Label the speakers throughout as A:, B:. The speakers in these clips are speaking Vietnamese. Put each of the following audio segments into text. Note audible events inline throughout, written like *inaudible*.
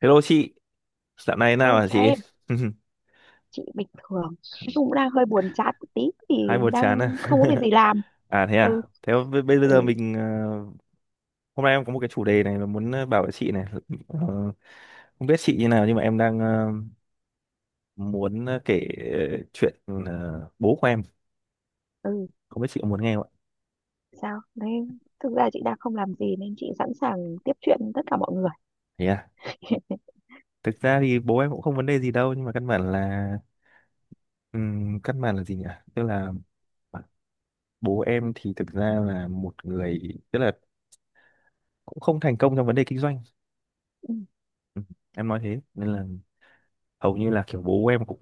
A: Hello chị, dạo này nào
B: Thôi
A: hả
B: chào
A: chị?
B: em,
A: *laughs*
B: chị bình thường. Nói chung cũng đang hơi buồn chán một tí thì
A: Hai buồn
B: đang
A: chán à?
B: không có việc
A: *laughs*
B: gì làm. Ừ,
A: À? Thế bây
B: ừ,
A: giờ mình hôm nay em có một cái chủ đề này mà muốn bảo với chị này. Ờ, không biết chị như nào nhưng mà em đang muốn kể chuyện bố của em.
B: ừ,
A: Không biết chị có muốn nghe không ạ?
B: sao? Nên thực ra chị đang không làm gì nên chị sẵn sàng tiếp chuyện với tất cả mọi người.
A: Thế à?
B: *laughs*
A: Thực ra thì bố em cũng không vấn đề gì đâu nhưng mà căn bản là gì nhỉ? Tức là bố em thì thực ra là một người tức là cũng không thành công trong vấn đề kinh doanh.
B: Ừ,
A: Ừ, em nói thế nên là hầu như là kiểu bố em cũng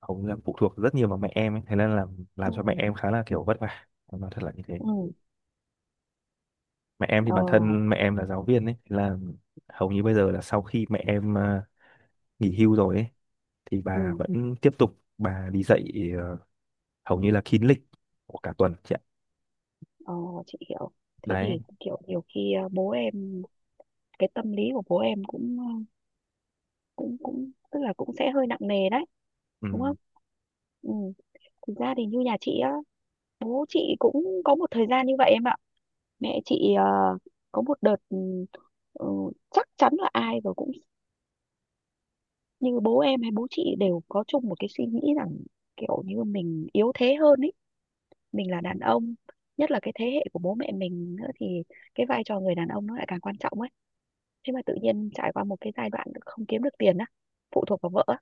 A: hầu như là phụ thuộc rất nhiều vào mẹ em ấy. Thế nên là
B: ừ,
A: làm cho mẹ em khá là kiểu vất vả, em nói thật là như thế.
B: ừ,
A: Mẹ em thì
B: ờ,
A: bản thân mẹ em là giáo viên ấy. Thế là hầu như bây giờ là sau khi mẹ em nghỉ hưu rồi ấy thì bà
B: ừ,
A: vẫn tiếp tục bà đi dạy, ờ, hầu như là kín lịch của cả tuần chị ạ.
B: ờ, chị hiểu. Thế
A: Đấy.
B: thì kiểu nhiều khi bố em, cái tâm lý của bố em cũng cũng cũng tức là cũng sẽ hơi nặng nề đấy, đúng không?
A: Ừ,
B: Ừ. Thực ra thì như nhà chị á, bố chị cũng có một thời gian như vậy em ạ. Mẹ chị có một đợt ừ, chắc chắn là ai rồi cũng như bố em hay bố chị đều có chung một cái suy nghĩ rằng kiểu như mình yếu thế hơn ấy, mình là đàn ông, nhất là cái thế hệ của bố mẹ mình nữa thì cái vai trò người đàn ông nó lại càng quan trọng ấy. Thế mà tự nhiên trải qua một cái giai đoạn không kiếm được tiền á, phụ thuộc vào vợ á,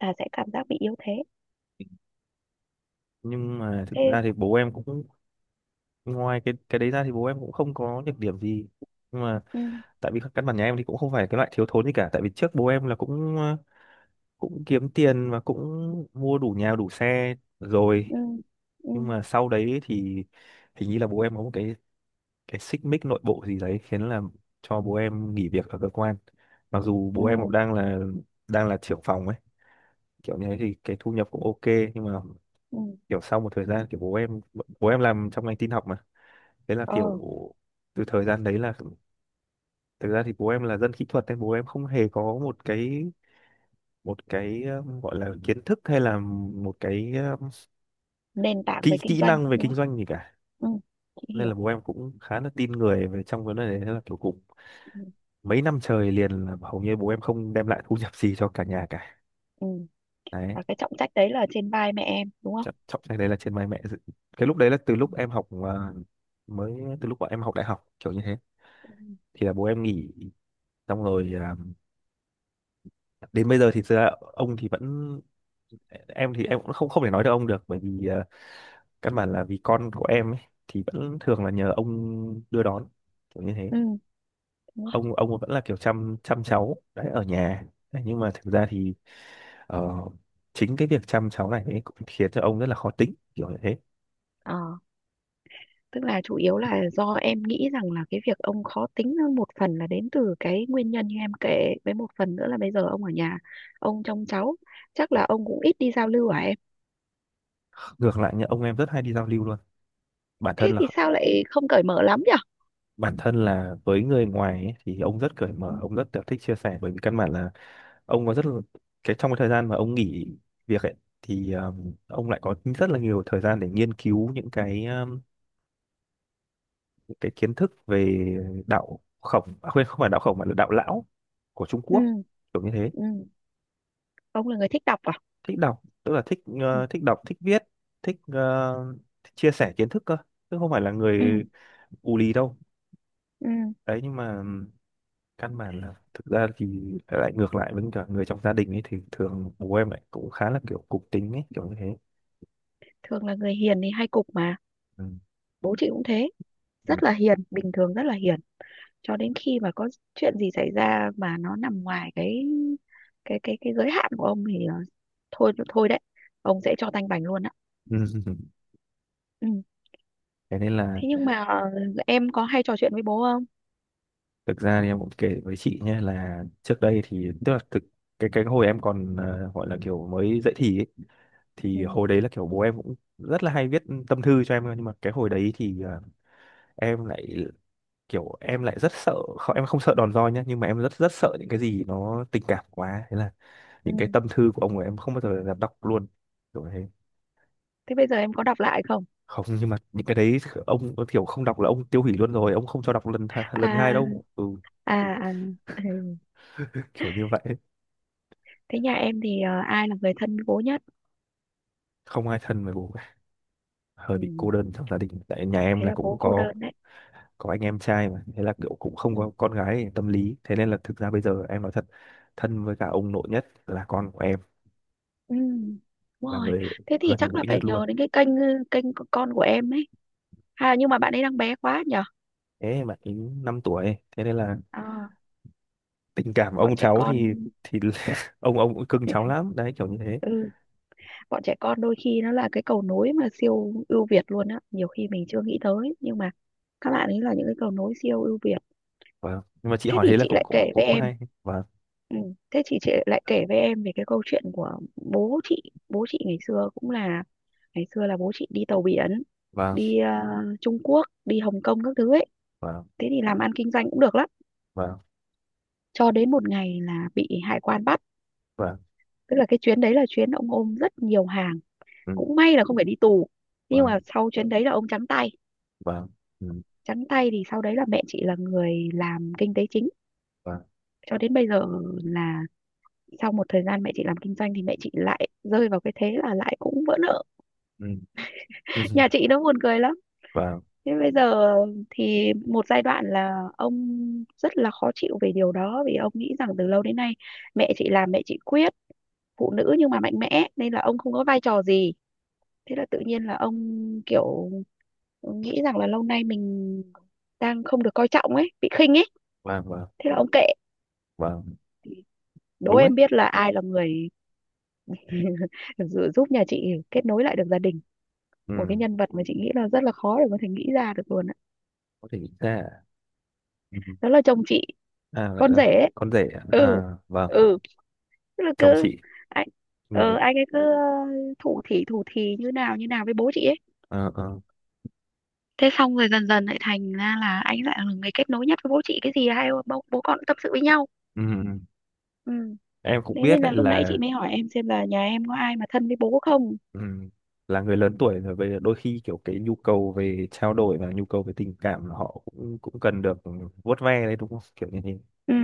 B: là sẽ cảm giác bị yếu thế.
A: nhưng mà thực
B: Thế
A: ra thì bố em cũng ngoài cái đấy ra thì bố em cũng không có nhược điểm gì, nhưng mà
B: ừ,
A: tại vì các căn bản nhà em thì cũng không phải cái loại thiếu thốn gì cả, tại vì trước bố em là cũng cũng kiếm tiền và cũng mua đủ nhà đủ xe rồi.
B: ừ, ừ,
A: Nhưng mà sau đấy thì hình như là bố em có một cái xích mích nội bộ gì đấy khiến là cho bố em nghỉ việc ở cơ quan, mặc dù
B: ừ,
A: bố em cũng đang là trưởng phòng ấy, kiểu như thế thì cái thu nhập cũng ok. Nhưng mà
B: ừ.
A: kiểu sau một thời gian kiểu bố em làm trong ngành tin học mà, thế là kiểu
B: Ờ
A: từ thời gian đấy là thực ra thì bố em là dân kỹ thuật nên bố em không hề có một cái gọi là kiến thức hay là một cái
B: nền tảng về
A: kỹ
B: kinh
A: kỹ
B: doanh
A: năng về
B: đúng
A: kinh
B: không,
A: doanh gì cả,
B: ừ, chị
A: nên là
B: hiểu.
A: bố em cũng khá là tin người về trong vấn đề đấy. Thế là kiểu cũng
B: Ừ,
A: mấy năm trời liền là hầu như bố em không đem lại thu nhập gì cho cả nhà cả.
B: ừ.
A: Đấy.
B: Và cái trọng trách đấy là trên vai mẹ em đúng không.
A: Trọng trọng cái đấy là trên vai mẹ. Cái lúc đấy là từ lúc em học mới từ lúc bọn em học đại học kiểu như thế
B: Ừ.
A: thì là bố em nghỉ, xong rồi đến bây giờ thì thực ra ông thì vẫn, em thì em cũng không không thể nói được ông được, bởi vì căn bản là vì con của em ấy, thì vẫn thường là nhờ ông đưa đón kiểu như thế.
B: ừ. Đúng không
A: Ông vẫn là kiểu chăm chăm cháu đấy ở nhà. Đấy, nhưng mà thực ra thì ờ, chính cái việc chăm cháu này ấy cũng khiến cho ông rất là khó tính kiểu như thế.
B: ờ tức là chủ yếu là do em nghĩ rằng là cái việc ông khó tính hơn một phần là đến từ cái nguyên nhân như em kể với, một phần nữa là bây giờ ông ở nhà, ông trông cháu, chắc là ông cũng ít đi giao lưu à em.
A: Ngược lại nhá, ông em rất hay đi giao lưu luôn. bản
B: Thế
A: thân
B: thì
A: là
B: sao lại không cởi mở lắm nhỉ.
A: bản thân là với người ngoài ấy, thì ông rất cởi
B: Ừ.
A: mở, ông rất kiểu thích chia sẻ, bởi vì căn bản là ông có rất là cái trong cái thời gian mà ông nghỉ việc ấy, thì ông lại có rất là nhiều thời gian để nghiên cứu những cái kiến thức về đạo khổng à, quên, không phải đạo khổng mà là đạo lão của Trung
B: ừ.
A: Quốc, kiểu như thế.
B: ừ. Ông là người thích đọc à.
A: Thích đọc tức là thích
B: ừ.
A: thích đọc thích viết, thích thích chia sẻ kiến thức cơ, chứ không phải là
B: ừ.
A: người ù lì đâu.
B: ừ.
A: Đấy, nhưng mà căn bản là thực ra thì lại ngược lại với cả người trong gia đình ấy thì thường bố em lại cũng khá là kiểu cục tính ấy, kiểu như thế.
B: Thường là người hiền thì hay cục mà,
A: Ừ.
B: bố chị cũng thế,
A: Ừ.
B: rất là hiền, bình thường rất là hiền, cho đến khi mà có chuyện gì xảy ra mà nó nằm ngoài cái giới hạn của ông thì thôi thôi đấy, ông sẽ cho tanh bành luôn á.
A: *laughs*
B: Ừ.
A: Thế nên là
B: Thế nhưng mà em có hay trò chuyện với bố không.
A: thực ra thì em cũng kể với chị nhé là trước đây thì tức là thực cái hồi em còn gọi là kiểu mới dậy thì ấy, thì
B: Ừ.
A: hồi đấy là kiểu bố em cũng rất là hay viết tâm thư cho em cơ, nhưng mà cái hồi đấy thì em lại kiểu em lại rất sợ, không em không sợ đòn roi nhá, nhưng mà em rất rất sợ những cái gì nó tình cảm quá, thế là
B: Ừ.
A: những cái tâm thư của ông ấy em không bao giờ dám đọc luôn, kiểu thế.
B: Thế bây giờ em có đọc lại không.
A: Không, nhưng mà những cái đấy ông có kiểu không đọc là ông tiêu hủy luôn rồi, ông không cho đọc lần lần hai
B: À,
A: đâu. Ừ.
B: à, à, ừ.
A: *laughs* Kiểu như vậy.
B: Thế nhà em thì ai là người thân bố nhất.
A: Không ai thân với bố, hơi bị cô
B: Ừ.
A: đơn trong gia đình, tại nhà em
B: Thế
A: là
B: là
A: cũng
B: bố cô đơn đấy.
A: có anh em trai mà, thế là kiểu cũng không
B: Ừ.
A: có con gái tâm lý, thế nên là thực ra bây giờ em nói thật, thân với cả ông nội nhất là con của em,
B: Ừ. Đúng
A: là
B: rồi,
A: người
B: thế thì
A: gần
B: chắc là
A: gũi
B: phải
A: nhất luôn.
B: nhờ đến cái kênh, kênh của con của em ấy. À nhưng mà bạn ấy đang bé quá nhở.
A: Ê, mà ấy 5 tuổi, thế nên là
B: À,
A: tình cảm
B: bọn
A: ông
B: trẻ
A: cháu
B: con.
A: thì *laughs* ông cũng cưng cháu lắm, đấy kiểu như thế.
B: Ừ, bọn trẻ con đôi khi nó là cái cầu nối mà siêu ưu việt luôn á, nhiều khi mình chưa nghĩ tới nhưng mà các bạn ấy là những cái cầu nối siêu ưu việt.
A: Vâng. Nhưng mà chị
B: Thế
A: hỏi
B: thì
A: thế là
B: chị lại kể với
A: cũng
B: em,
A: hay. Vâng,
B: ừ, thế chị lại kể với em về cái câu chuyện của bố chị. Bố chị ngày xưa cũng là, ngày xưa là bố chị đi tàu biển,
A: vâng,
B: đi Trung Quốc, đi Hồng Kông các thứ ấy.
A: vâng,
B: Thế thì làm ăn kinh doanh cũng được lắm.
A: vâng,
B: Cho đến một ngày là bị hải quan bắt,
A: vâng,
B: tức là cái chuyến đấy là chuyến ông ôm rất nhiều hàng,
A: ừ,
B: cũng may là không phải đi tù nhưng mà
A: vâng,
B: sau chuyến đấy là ông trắng tay.
A: vâng, ừ,
B: Trắng tay thì sau đấy là mẹ chị là người làm kinh tế chính
A: vâng,
B: cho đến bây giờ. Là sau một thời gian mẹ chị làm kinh doanh thì mẹ chị lại rơi vào cái thế là lại cũng vỡ nợ.
A: ừ, ừ, *laughs*
B: Nhà chị nó buồn cười lắm.
A: vâng,
B: Thế bây giờ thì một giai đoạn là ông rất là khó chịu về điều đó, vì ông nghĩ rằng từ lâu đến nay mẹ chị làm, mẹ chị quyết, phụ nữ nhưng mà mạnh mẽ nên là ông không có vai trò gì. Thế là tự nhiên là ông kiểu nghĩ rằng là lâu nay mình đang không được coi trọng ấy, bị khinh ấy.
A: vâng, vâng,
B: Thế là ông kệ.
A: vâng.
B: Đố
A: Đúng đấy.
B: em biết là ai là người giúp nhà chị kết nối lại được gia đình, một cái
A: Ừ,
B: nhân vật mà chị nghĩ là rất là khó để có thể nghĩ ra được luôn á.
A: có thể nghĩ ra. À? Ừ.
B: Đó là chồng chị,
A: À, lại
B: con rể
A: là
B: ấy.
A: con rể à?
B: ừ.
A: À, vâng,
B: ừ. Tức là
A: chồng
B: cứ
A: chị,
B: anh
A: người,
B: anh ấy cứ thủ thỉ như nào với bố chị ấy.
A: ờ ờ.
B: Thế xong rồi dần dần lại thành ra là anh lại là người kết nối nhất với bố chị, cái gì hai bố con cũng tâm sự với nhau.
A: Ừ. Ừ. Ừ.
B: Ừ,
A: Em cũng
B: thế
A: biết
B: nên là
A: đấy
B: lúc nãy
A: là,
B: chị mới hỏi em xem là nhà em có ai mà thân với bố không.
A: ừ. Là người lớn tuổi rồi về đôi khi kiểu cái nhu cầu về trao đổi và nhu cầu về tình cảm là họ cũng cũng cần được vuốt ve đấy, đúng không, kiểu như thế.
B: Ừ.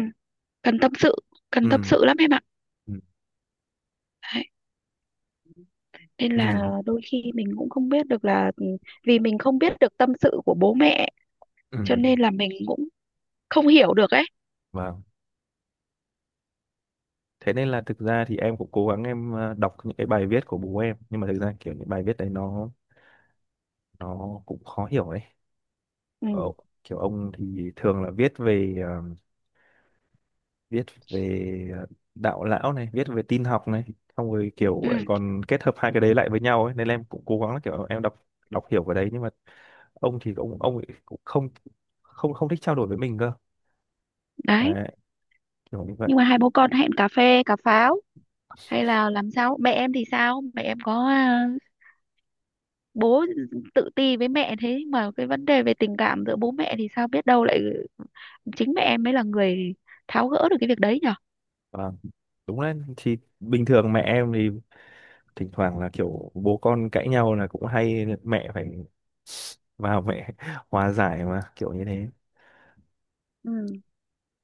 B: Cần tâm sự,
A: Ừ,
B: cần tâm sự lắm em ạ.
A: ừ,
B: Đấy. Nên
A: ừ,
B: là đôi khi mình cũng không biết được là vì mình không biết được tâm sự của bố mẹ
A: ừ,
B: cho nên là mình cũng không hiểu được ấy.
A: vâng. Thế nên là thực ra thì em cũng cố gắng em đọc những cái bài viết của bố em, nhưng mà thực ra kiểu những bài viết đấy nó cũng khó hiểu đấy.
B: Ừ.
A: Ờ, kiểu ông thì thường là viết về viết về đạo lão này, viết về tin học này, xong rồi kiểu lại
B: Ừ.
A: còn kết hợp hai cái đấy lại với nhau ấy, nên là em cũng cố gắng là kiểu em đọc đọc hiểu cái đấy, nhưng mà ông thì ông ấy cũng không không không thích trao đổi với mình cơ.
B: Đấy
A: Đấy kiểu như vậy.
B: nhưng mà hai bố con hẹn cà phê cà pháo hay là làm sao, mẹ em thì sao, mẹ em có à, bố tự ti với mẹ thế mà cái vấn đề về tình cảm giữa bố mẹ thì sao, biết đâu lại chính mẹ em mới là người tháo gỡ được cái việc đấy nhở.
A: Và đúng đấy, thì bình thường mẹ em thì thỉnh thoảng là kiểu bố con cãi nhau là cũng hay mẹ phải vào mẹ *laughs* hòa giải mà, kiểu như thế.
B: Ừ,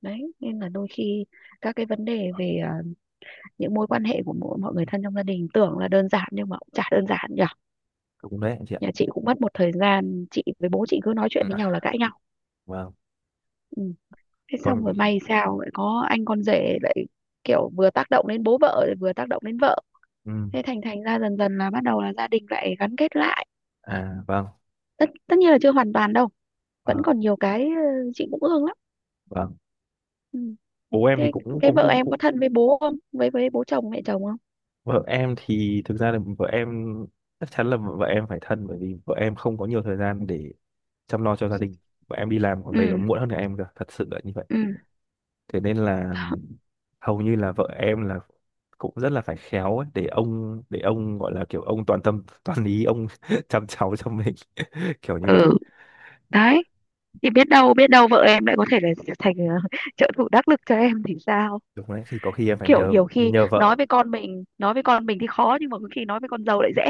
B: đấy nên là đôi khi các cái vấn đề về những mối quan hệ của mỗi mọi người thân trong gia đình tưởng là đơn giản nhưng mà cũng chả đơn giản nhở.
A: Đúng đấy anh chị ạ.
B: Nhà chị cũng mất một thời gian chị với bố chị cứ nói chuyện
A: Ừ.
B: với nhau là cãi nhau.
A: Vâng,
B: Ừ. Thế
A: còn,
B: xong rồi may sao lại có anh con rể, lại kiểu vừa tác động đến bố vợ lại vừa tác động đến vợ,
A: ừ,
B: thế thành thành ra dần dần là bắt đầu là gia đình lại gắn kết lại.
A: à vâng,
B: Tất tất nhiên là chưa hoàn toàn đâu, vẫn
A: vâng,
B: còn nhiều cái chị cũng ương lắm.
A: vâng,
B: Ừ.
A: bố em thì
B: Thế
A: cũng
B: cái
A: cũng
B: vợ
A: cũng
B: em
A: cũng
B: có thân với bố không, với bố chồng mẹ chồng không.
A: vợ em thì thực ra là vợ em chắc chắn là vợ em phải thân, bởi vì vợ em không có nhiều thời gian để chăm lo cho gia đình, vợ em đi làm còn về còn
B: ừ.
A: muộn hơn cả em cơ, thật sự là như vậy.
B: ừ.
A: Thế nên là hầu như là vợ em là cũng rất là phải khéo ấy, để ông gọi là kiểu ông toàn tâm *laughs* toàn ý ông *laughs* chăm cháu cho mình. *laughs* Kiểu như vậy.
B: ừ. Đấy thì biết đâu vợ em lại có thể là thành *laughs* trợ thủ đắc lực cho em thì sao,
A: Đúng đấy thì có khi em phải
B: kiểu
A: nhờ
B: nhiều khi
A: nhờ
B: nói
A: vợ.
B: với con mình, nói với con mình thì khó nhưng mà có khi nói với con dâu lại dễ.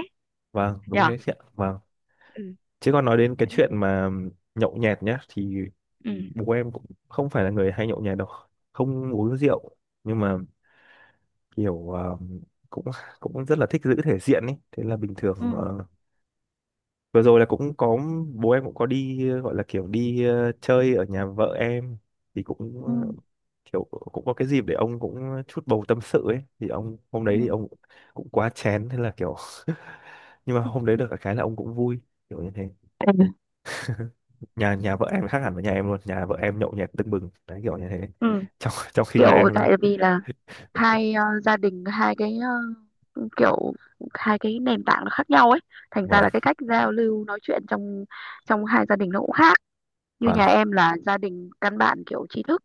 A: Vâng đúng
B: Nhở.
A: đấy chị ạ, vâng.
B: Ừ.
A: Chứ còn nói đến cái
B: Đấy.
A: chuyện mà nhậu nhẹt nhá thì
B: ừ.
A: bố em cũng không phải là người hay nhậu nhẹt đâu, không uống rượu, nhưng mà kiểu cũng cũng rất là thích giữ thể diện ấy, thế là bình thường
B: ừ.
A: vừa rồi là cũng có bố em cũng có đi gọi là kiểu đi chơi ở nhà vợ em thì cũng
B: ừ.
A: kiểu cũng có cái dịp để ông cũng chút bầu tâm sự ấy, thì ông hôm đấy thì
B: ừ.
A: ông cũng quá chén, thế là kiểu *laughs* nhưng mà hôm đấy được cái là ông cũng vui, kiểu như thế.
B: Ừ.
A: Nhà nhà vợ em khác hẳn với nhà em luôn, nhà vợ em nhậu nhẹt tưng bừng đấy kiểu như thế,
B: Ừ
A: trong trong khi nhà
B: kiểu
A: em
B: tại
A: đấy.
B: vì là, hai gia đình hai cái kiểu hai cái nền tảng nó khác nhau ấy, thành ra
A: Vâng,
B: là cái cách giao lưu nói chuyện trong trong hai gia đình nó cũng khác. Như nhà em là gia đình căn bản kiểu trí thức,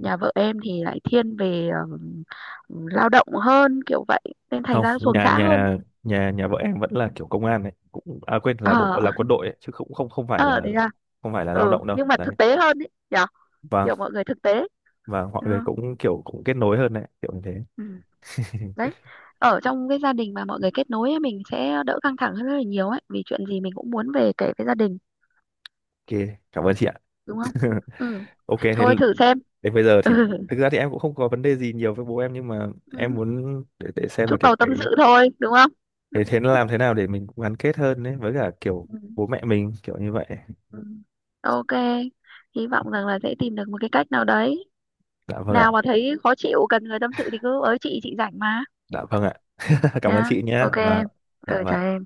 B: nhà vợ em thì lại thiên về lao động hơn, kiểu vậy, nên thành
A: không,
B: ra nó xuồng
A: nhà
B: xã hơn.
A: nhà nhà nhà vợ em vẫn là kiểu công an này, cũng à quên là bộ
B: Ờ.
A: là quân đội ấy, chứ cũng không không
B: *laughs*
A: phải
B: Ờ
A: là
B: đấy à.
A: không phải là lao
B: Ừ
A: động đâu
B: nhưng mà thực
A: đấy.
B: tế hơn ấy nhở,
A: và
B: kiểu mọi người thực tế,
A: và mọi
B: đúng
A: người
B: không?
A: cũng kiểu cũng kết nối hơn đấy kiểu như thế.
B: Ừ.
A: *laughs*
B: Đấy, ở trong cái gia đình mà mọi người kết nối ấy, mình sẽ đỡ căng thẳng hơn rất là nhiều ấy, vì chuyện gì mình cũng muốn về kể với gia đình,
A: Ok, cảm ơn chị ạ.
B: đúng không.
A: *laughs*
B: Ừ,
A: Ok thế
B: thôi thử xem.
A: đến bây giờ
B: *laughs* Ừ.
A: thì thực ra thì em cũng không có vấn đề gì nhiều với bố em, nhưng mà em
B: Ừ.
A: muốn để xem là
B: Chút
A: kiểu
B: bầu tâm
A: cái
B: sự thôi đúng không.
A: thế thế làm thế nào để mình cũng gắn kết hơn đấy với cả kiểu
B: Ừ.
A: bố mẹ mình kiểu như vậy.
B: Ừ. Ok, hy vọng rằng là sẽ tìm được một cái cách nào đấy.
A: Dạ vâng ạ.
B: Nào mà thấy khó chịu cần người tâm sự thì cứ ới chị rảnh mà.
A: Dạ vâng ạ. *laughs* Cảm ơn
B: Nhá,
A: chị nhé.
B: ok
A: Và
B: em,
A: dạ
B: ừ
A: vâng.
B: trời.